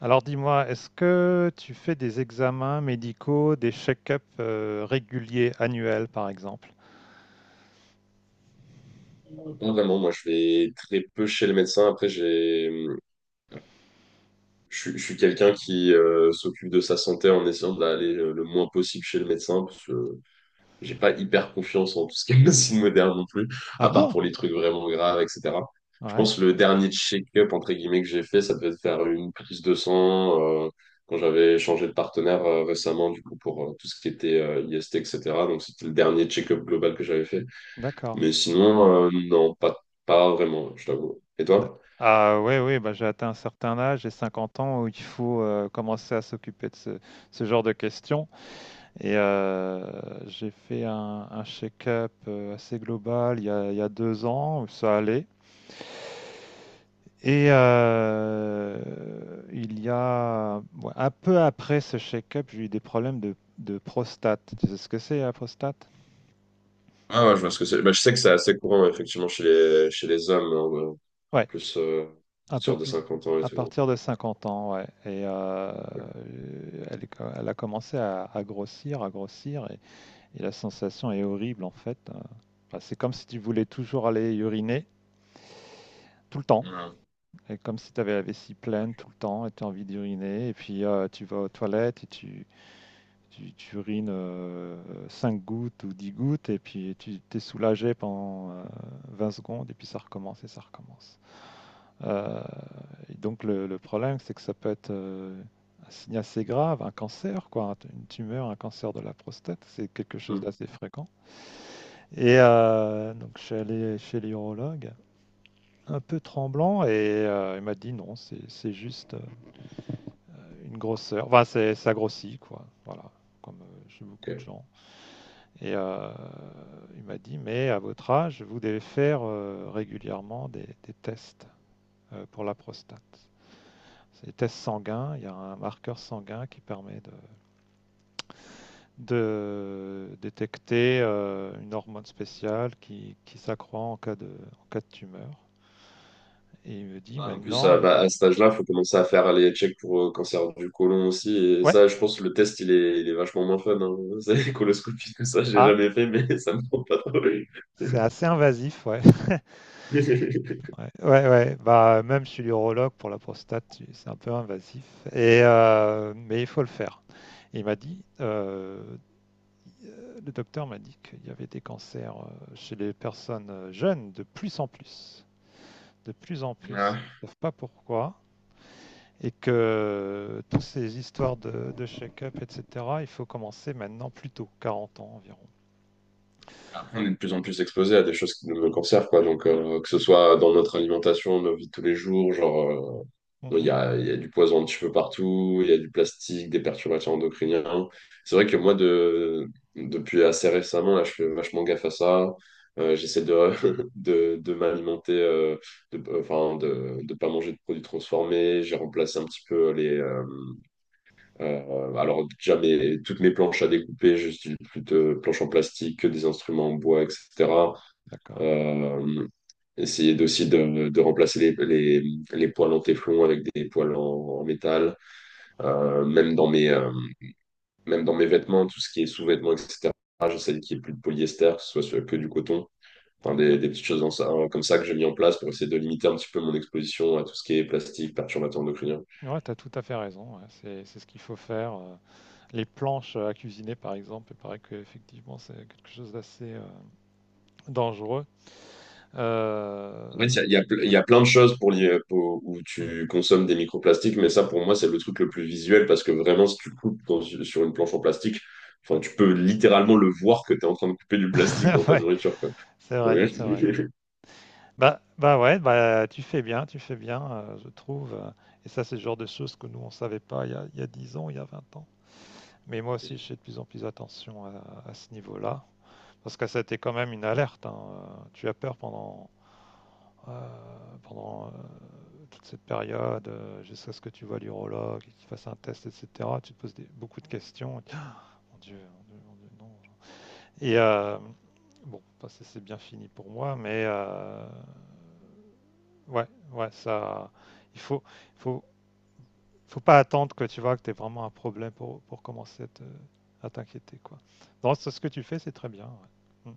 Alors dis-moi, est-ce que tu fais des examens médicaux, des check-ups réguliers, annuels par exemple? Pas vraiment, moi je vais très peu chez le médecin. Après, j'ai, je suis quelqu'un qui s'occupe de sa santé en essayant d'aller le moins possible chez le médecin parce que j'ai pas hyper confiance en tout ce qui est médecine moderne non plus, Ah à part bon? pour les trucs vraiment graves, etc. Je Ouais, pense que le dernier check-up entre guillemets que j'ai fait, ça devait être faire une prise de sang quand j'avais changé de partenaire récemment du coup pour tout ce qui était IST, etc. Donc c'était le dernier check-up global que j'avais fait. d'accord. Mais sinon, non, pas vraiment, je t'avoue. Et D'a- toi? Ah ouais, oui, bah, j'ai atteint un certain âge, j'ai 50 ans, où il faut commencer à s'occuper de ce genre de questions. Et j'ai fait un check-up assez global il y a deux ans, où ça allait. Et il y a ouais, un peu après ce check-up, j'ai eu des problèmes de prostate. Tu sais ce que c'est la prostate? Ah ouais, je vois ce que c'est. Bah, je sais que c'est assez courant, effectivement, chez les hommes, hein, Ouais, plus, à un peu partir de plus 50 ans et à tout. partir de 50 ans, ouais. Et Ouais. elle a commencé à grossir, à grossir, et la sensation est horrible en fait. Enfin, c'est comme si tu voulais toujours aller uriner tout le temps, Ouais. et comme si tu avais la vessie pleine tout le temps, et tu as envie d'uriner, et puis tu vas aux toilettes, et tu urines 5 gouttes ou 10 gouttes et puis tu t'es soulagé pendant 20 secondes et puis ça recommence et ça recommence. Euh, et donc le problème, c'est que ça peut être un signe assez grave, un cancer, quoi, une tumeur, un cancer de la prostate, c'est quelque chose d'assez fréquent. Et donc je suis allé chez l'urologue un peu tremblant et il m'a dit non, c'est juste une grosseur. Enfin, c'est ça grossit, quoi. Voilà, comme chez Ok. beaucoup de gens. Et il m'a dit, mais à votre âge, vous devez faire régulièrement des tests pour la prostate. C'est des tests sanguins, il y a un marqueur sanguin qui permet de détecter une hormone spéciale qui s'accroît en cas de tumeur. Et il me dit Ah, en plus, maintenant, bah, à cet âge-là, il faut commencer à faire les checks pour cancer du côlon aussi. Et ouais, ça, je pense que le test, il est vachement moins fun. Hein. C'est les coloscopies, tout ça, j'ai ah, jamais fait, mais ça me prend pas trop. c'est assez invasif, ouais. Ouais, ouais, ouais. Bah, même chez l'urologue pour la prostate, c'est un peu invasif. Et mais il faut le faire. Il m'a dit, le docteur m'a dit qu'il y avait des cancers chez les personnes jeunes de plus en plus. De plus en plus, Ouais. ils ne savent pas pourquoi. Et que toutes ces histoires de check-up, etc., il faut commencer maintenant plus tôt, 40 ans environ. Après, on est de plus en plus exposé à des choses qui nous conservent, quoi. Donc, que ce soit dans notre alimentation, nos vies de tous les jours, genre. Il y Mhm. a, il y a du poison un petit peu partout, il y a du plastique, des perturbateurs endocriniens. C'est vrai que moi, depuis assez récemment, là, je fais vachement gaffe à ça. J'essaie de m'alimenter, enfin, de ne pas manger de produits transformés. J'ai remplacé un petit peu les. Alors, déjà, toutes mes planches à découper, j'utilise plus de planches en plastique que des instruments en bois, etc. D'accord, Euh, essayer aussi de remplacer les poils en téflon avec des poils en métal. Même dans mes, vêtements, tout ce qui est sous-vêtements, etc. J'essaie qu'il n'y ait plus de polyester, que ce soit que du coton. Enfin, très des, bien. des petites choses hein, comme ça que j'ai mis en place pour essayer de limiter un petit peu mon exposition à tout ce qui est plastique, perturbateur endocrinien. Ouais, tu as tout à fait raison, ouais. C'est ce qu'il faut faire. Les planches à cuisiner, par exemple, il paraît qu'effectivement, c'est quelque chose d'assez dangereux. Euh, En fait, il y a ple- il ouais, y a plein de choses où mm, tu consommes des microplastiques, mais ça, pour moi, c'est le truc le plus visuel parce que vraiment, si tu coupes sur une planche en plastique, enfin, ouais. tu peux littéralement le voir que tu es en train de couper du plastique dans ta Ouais, nourriture, quoi. c'est vrai, Ouais. c'est vrai. Bah, ouais, bah, tu fais bien, je trouve. Et ça, c'est le genre de choses que nous, on savait pas il y a 10 ans, il y a 20 ans. Mais moi aussi, je fais de plus en plus attention à ce niveau-là. Parce que ça a été quand même une alerte, hein. Tu as peur pendant toute cette période, jusqu'à ce que tu vois l'urologue, et qu'il fasse un test, etc. Tu te poses beaucoup de questions. Et mon Dieu, mon Dieu, mon Dieu, non. Et bon, bah, c'est bien fini pour moi. Ouais, ouais, ça, il faut, faut pas attendre que tu vois que tu vraiment un problème pour commencer à à t'inquiéter, quoi. Non, ce que tu fais, c'est très bien, ouais. Mm.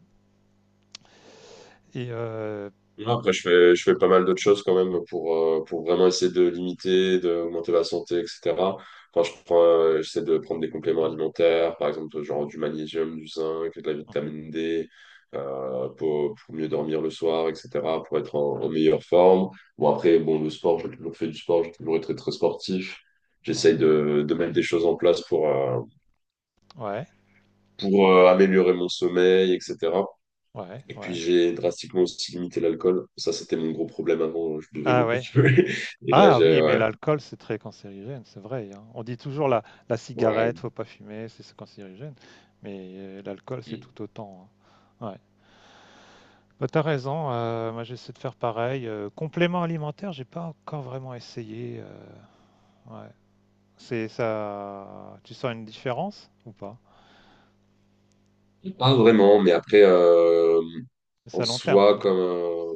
Et Non, après, je fais pas mal d'autres choses quand même pour vraiment essayer de limiter, d'augmenter ma santé, etc. J'essaie de prendre des compléments alimentaires, par exemple, genre du magnésium, du zinc, de la mhm, vitamine D, pour mieux dormir le soir, etc., pour être en meilleure forme. Bon, après, bon, le sport, j'ai toujours fait du sport, j'ai toujours été très, très sportif. ouais, J'essaye de mettre des choses en place ouais, pour améliorer mon sommeil, etc. ouais, Et puis ouais. j'ai drastiquement aussi limité l'alcool. Ça, c'était mon gros problème avant. Je buvais Ah beaucoup. ouais. Et là, Ah j'ai. oui, mais Ouais. l'alcool, c'est très cancérigène, c'est vrai, hein. On dit toujours la Ouais. cigarette, faut pas fumer, c'est cancérigène. Mais l'alcool, c'est tout autant, hein. Ouais. Bah, t'as raison, moi j'essaie de faire pareil. Complément alimentaire, j'ai pas encore vraiment essayé. Ouais. C'est ça. Tu sens une différence ou pas? Pas vraiment, mais après, C'est en à long terme, soi, quoi. comme,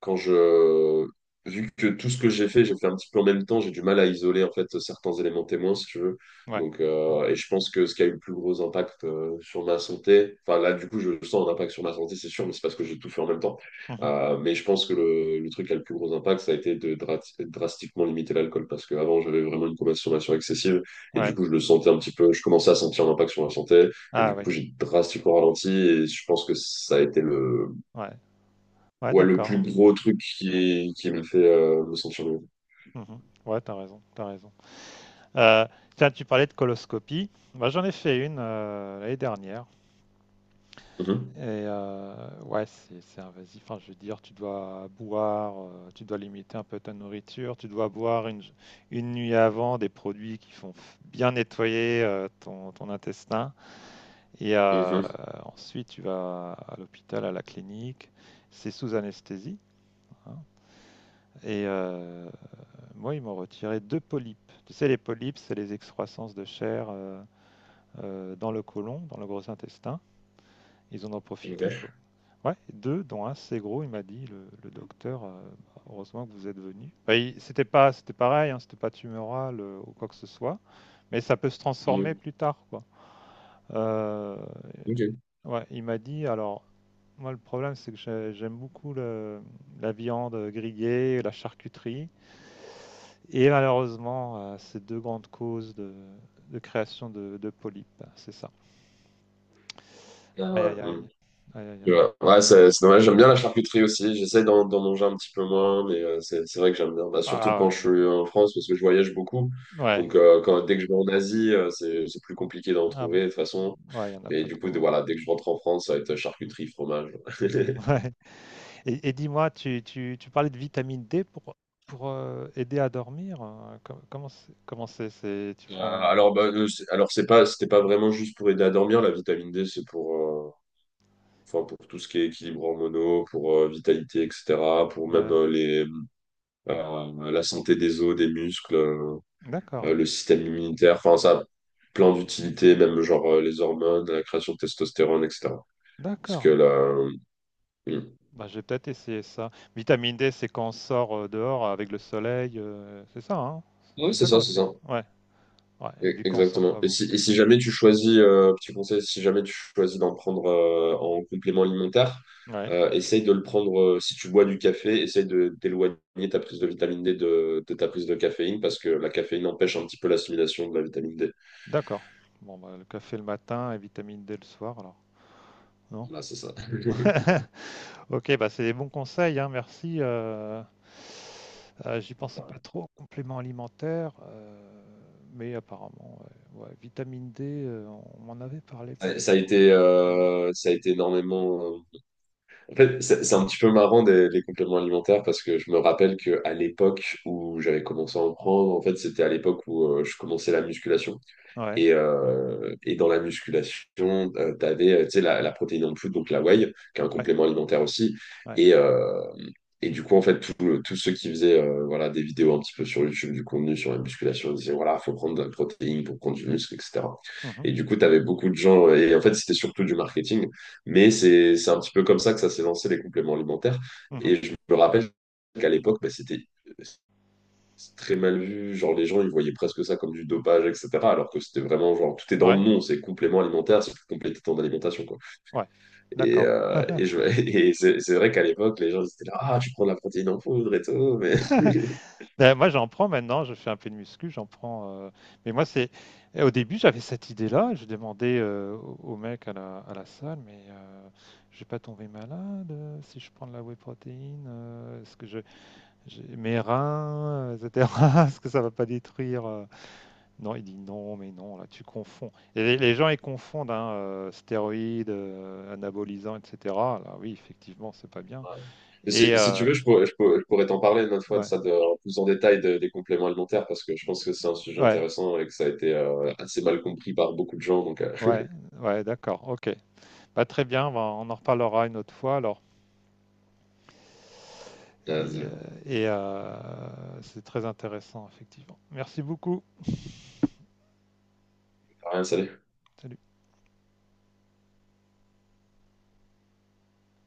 quand je... vu que tout ce que j'ai fait un petit peu en même temps, j'ai du mal à isoler en fait certains éléments témoins, si tu veux. Ouais. Donc, et je pense que ce qui a eu le plus gros impact sur ma santé, enfin là, du coup, je sens un impact sur ma santé, c'est sûr, mais c'est parce que j'ai tout fait en même temps. Mmh. Mais je pense que le truc qui a le plus gros impact, ça a été de drastiquement limiter l'alcool, parce qu'avant, j'avais vraiment une consommation excessive, et du Ouais. coup, je le sentais un petit peu, je commençais à sentir l'impact sur ma santé. Et Ah du oui. coup, j'ai drastiquement ralenti et je pense que ça a été le, Ouais. Ouais, ouais, le d'accord. plus gros truc qui me fait me sentir mieux. Mmh. Ouais, t'as raison, t'as raison. Heu, tiens, tu parlais de coloscopie. Moi, j'en ai fait une, l'année dernière Mhm. et ouais, c'est invasif. Enfin, je veux dire, tu dois boire, tu dois limiter un peu ta nourriture, tu dois boire une nuit avant des produits qui font bien nettoyer, ton intestin. Et Mhm. ensuite, tu vas à l'hôpital, à la clinique. C'est sous anesthésie, hein. Et moi, ils m'ont retiré deux polypes. Tu sais, les polypes, c'est les excroissances de chair dans le côlon, dans le gros intestin. Ils en ont Ok. profité, quoi. Ouais, deux, dont un c'est gros, il m'a dit, le docteur, bah, heureusement que vous êtes venu. Bah, c'était pas, c'était pareil, hein, c'était pas tumoral ou quoi que ce soit, mais ça peut se transformer Mhm. plus tard, quoi. Euh, Ok. ouais, il m'a dit, alors, moi, le problème, c'est que j'aime beaucoup la viande grillée, la charcuterie, et malheureusement, ces deux grandes causes de création de polypes, c'est ça. Ah Aïe, ouais. aïe, aïe. Mhm. Aïe, aïe, aïe. Ouais, ouais, c'est dommage. J'aime bien la charcuterie aussi. J'essaie d'en manger un petit peu moins, mais c'est vrai que j'aime bien. Bah, surtout Ah quand ouais, je suis en France, parce que je voyage beaucoup. ouais. Donc, dès que je vais en Asie, c'est plus compliqué d'en Ah, trouver de toute façon. ouais, il n'y en a Mais pas du coup, trop, ouais. voilà, dès que je rentre en France, ça va être Mm. charcuterie, fromage. Ouais. Et dis-moi, tu parlais de vitamine D pour aider à dormir. Comment c'est, tu prends. alors, bah, c'était pas vraiment juste pour aider à dormir. La vitamine D, c'est enfin, pour tout ce qui est équilibre hormonaux, pour vitalité, etc. Pour même Ouais, la santé des os, des muscles, d'accord, le système immunitaire. Enfin, ça a plein d'utilités, même genre les hormones, la création de testostérone, etc. Parce que d'accord. là, Bah, j'ai peut-être essayé ça. Vitamine D, c'est quand on sort dehors avec le soleil, c'est ça, hein? oui, C'est c'est ça ça, qu'on c'est sait. ça. Ouais, ouais, et vu qu'on sort Exactement. pas Et beaucoup. si, et si jamais tu choisis, petit conseil, si jamais tu choisis d'en prendre en complément alimentaire, Ouais, essaye de le prendre, si tu bois du café, essaye de d'éloigner ta prise de vitamine D de ta prise de caféine parce que la caféine empêche un petit peu l'assimilation de la vitamine D. d'accord. Bon, bah, le café le matin et vitamine D le soir, alors. Non? Voilà, c'est ça. Ok, bah, c'est des bons conseils, hein, merci. J'y pensais pas trop, compléments alimentaires, mais apparemment, ouais, ouais, vitamine D, on m'en avait parlé plus Ça ou ça a été, moins. euh, ça a été énormément. En fait, c'est un petit peu marrant les compléments alimentaires parce que je me rappelle que à l'époque où j'avais commencé à en prendre, en fait, c'était à l'époque où je commençais la musculation. Ouais, Et dans la musculation, tu sais, la protéine en plus donc la whey, qui est un ouais, complément alimentaire aussi. ouais. Et, euh, et du coup, en fait, tous ceux qui faisaient voilà, des vidéos un petit peu sur YouTube, du contenu sur la musculation, ils disaient, voilà, il faut prendre de la protéine pour prendre du muscle, etc. Mhm, Et du coup, tu avais beaucoup de gens, et en fait, c'était surtout du marketing, mais c'est un petit peu comme ça que ça s'est lancé, les compléments alimentaires. mhm. Et je me rappelle qu'à l'époque, bah, c'est très mal vu, genre les gens ils voyaient presque ça comme du dopage, etc. Alors que c'était vraiment genre tout est dans le Ouais, nom, c'est complément alimentaire, c'est plus compléter ton quoi. ouais, Et, d'accord. euh, et, je- et c'est vrai qu'à l'époque les gens ils étaient là, ah tu prends de la protéine en poudre et tout, mais Ben, moi, j'en prends maintenant, je fais un peu de muscu, j'en prends. Mais moi, c'est. Au début, j'avais cette idée-là, je demandais au mec à la salle, mais je vais pas tomber malade si je prends de la whey protéine, est-ce que je. Mes reins, etc. Est-ce que ça va pas détruire? Non, il dit non, mais non, là, tu confonds. Et les gens, ils confondent, hein, stéroïdes, anabolisants, etc. Là, oui, effectivement, c'est pas bien. Voilà. Mais Et si tu euh, veux, je pourrais t'en parler une autre fois de ouais, ça, en plus en détail des compléments alimentaires, parce que je pense que c'est un sujet ouais. intéressant et que ça a été assez mal compris par beaucoup de gens. Donc, Ouais, ouais, d'accord, ok. Bah, très bien, bah, on en reparlera une autre fois alors. Et, euh, euh, et, c'est très intéressant, effectivement. Merci beaucoup. rien, salut. Salut.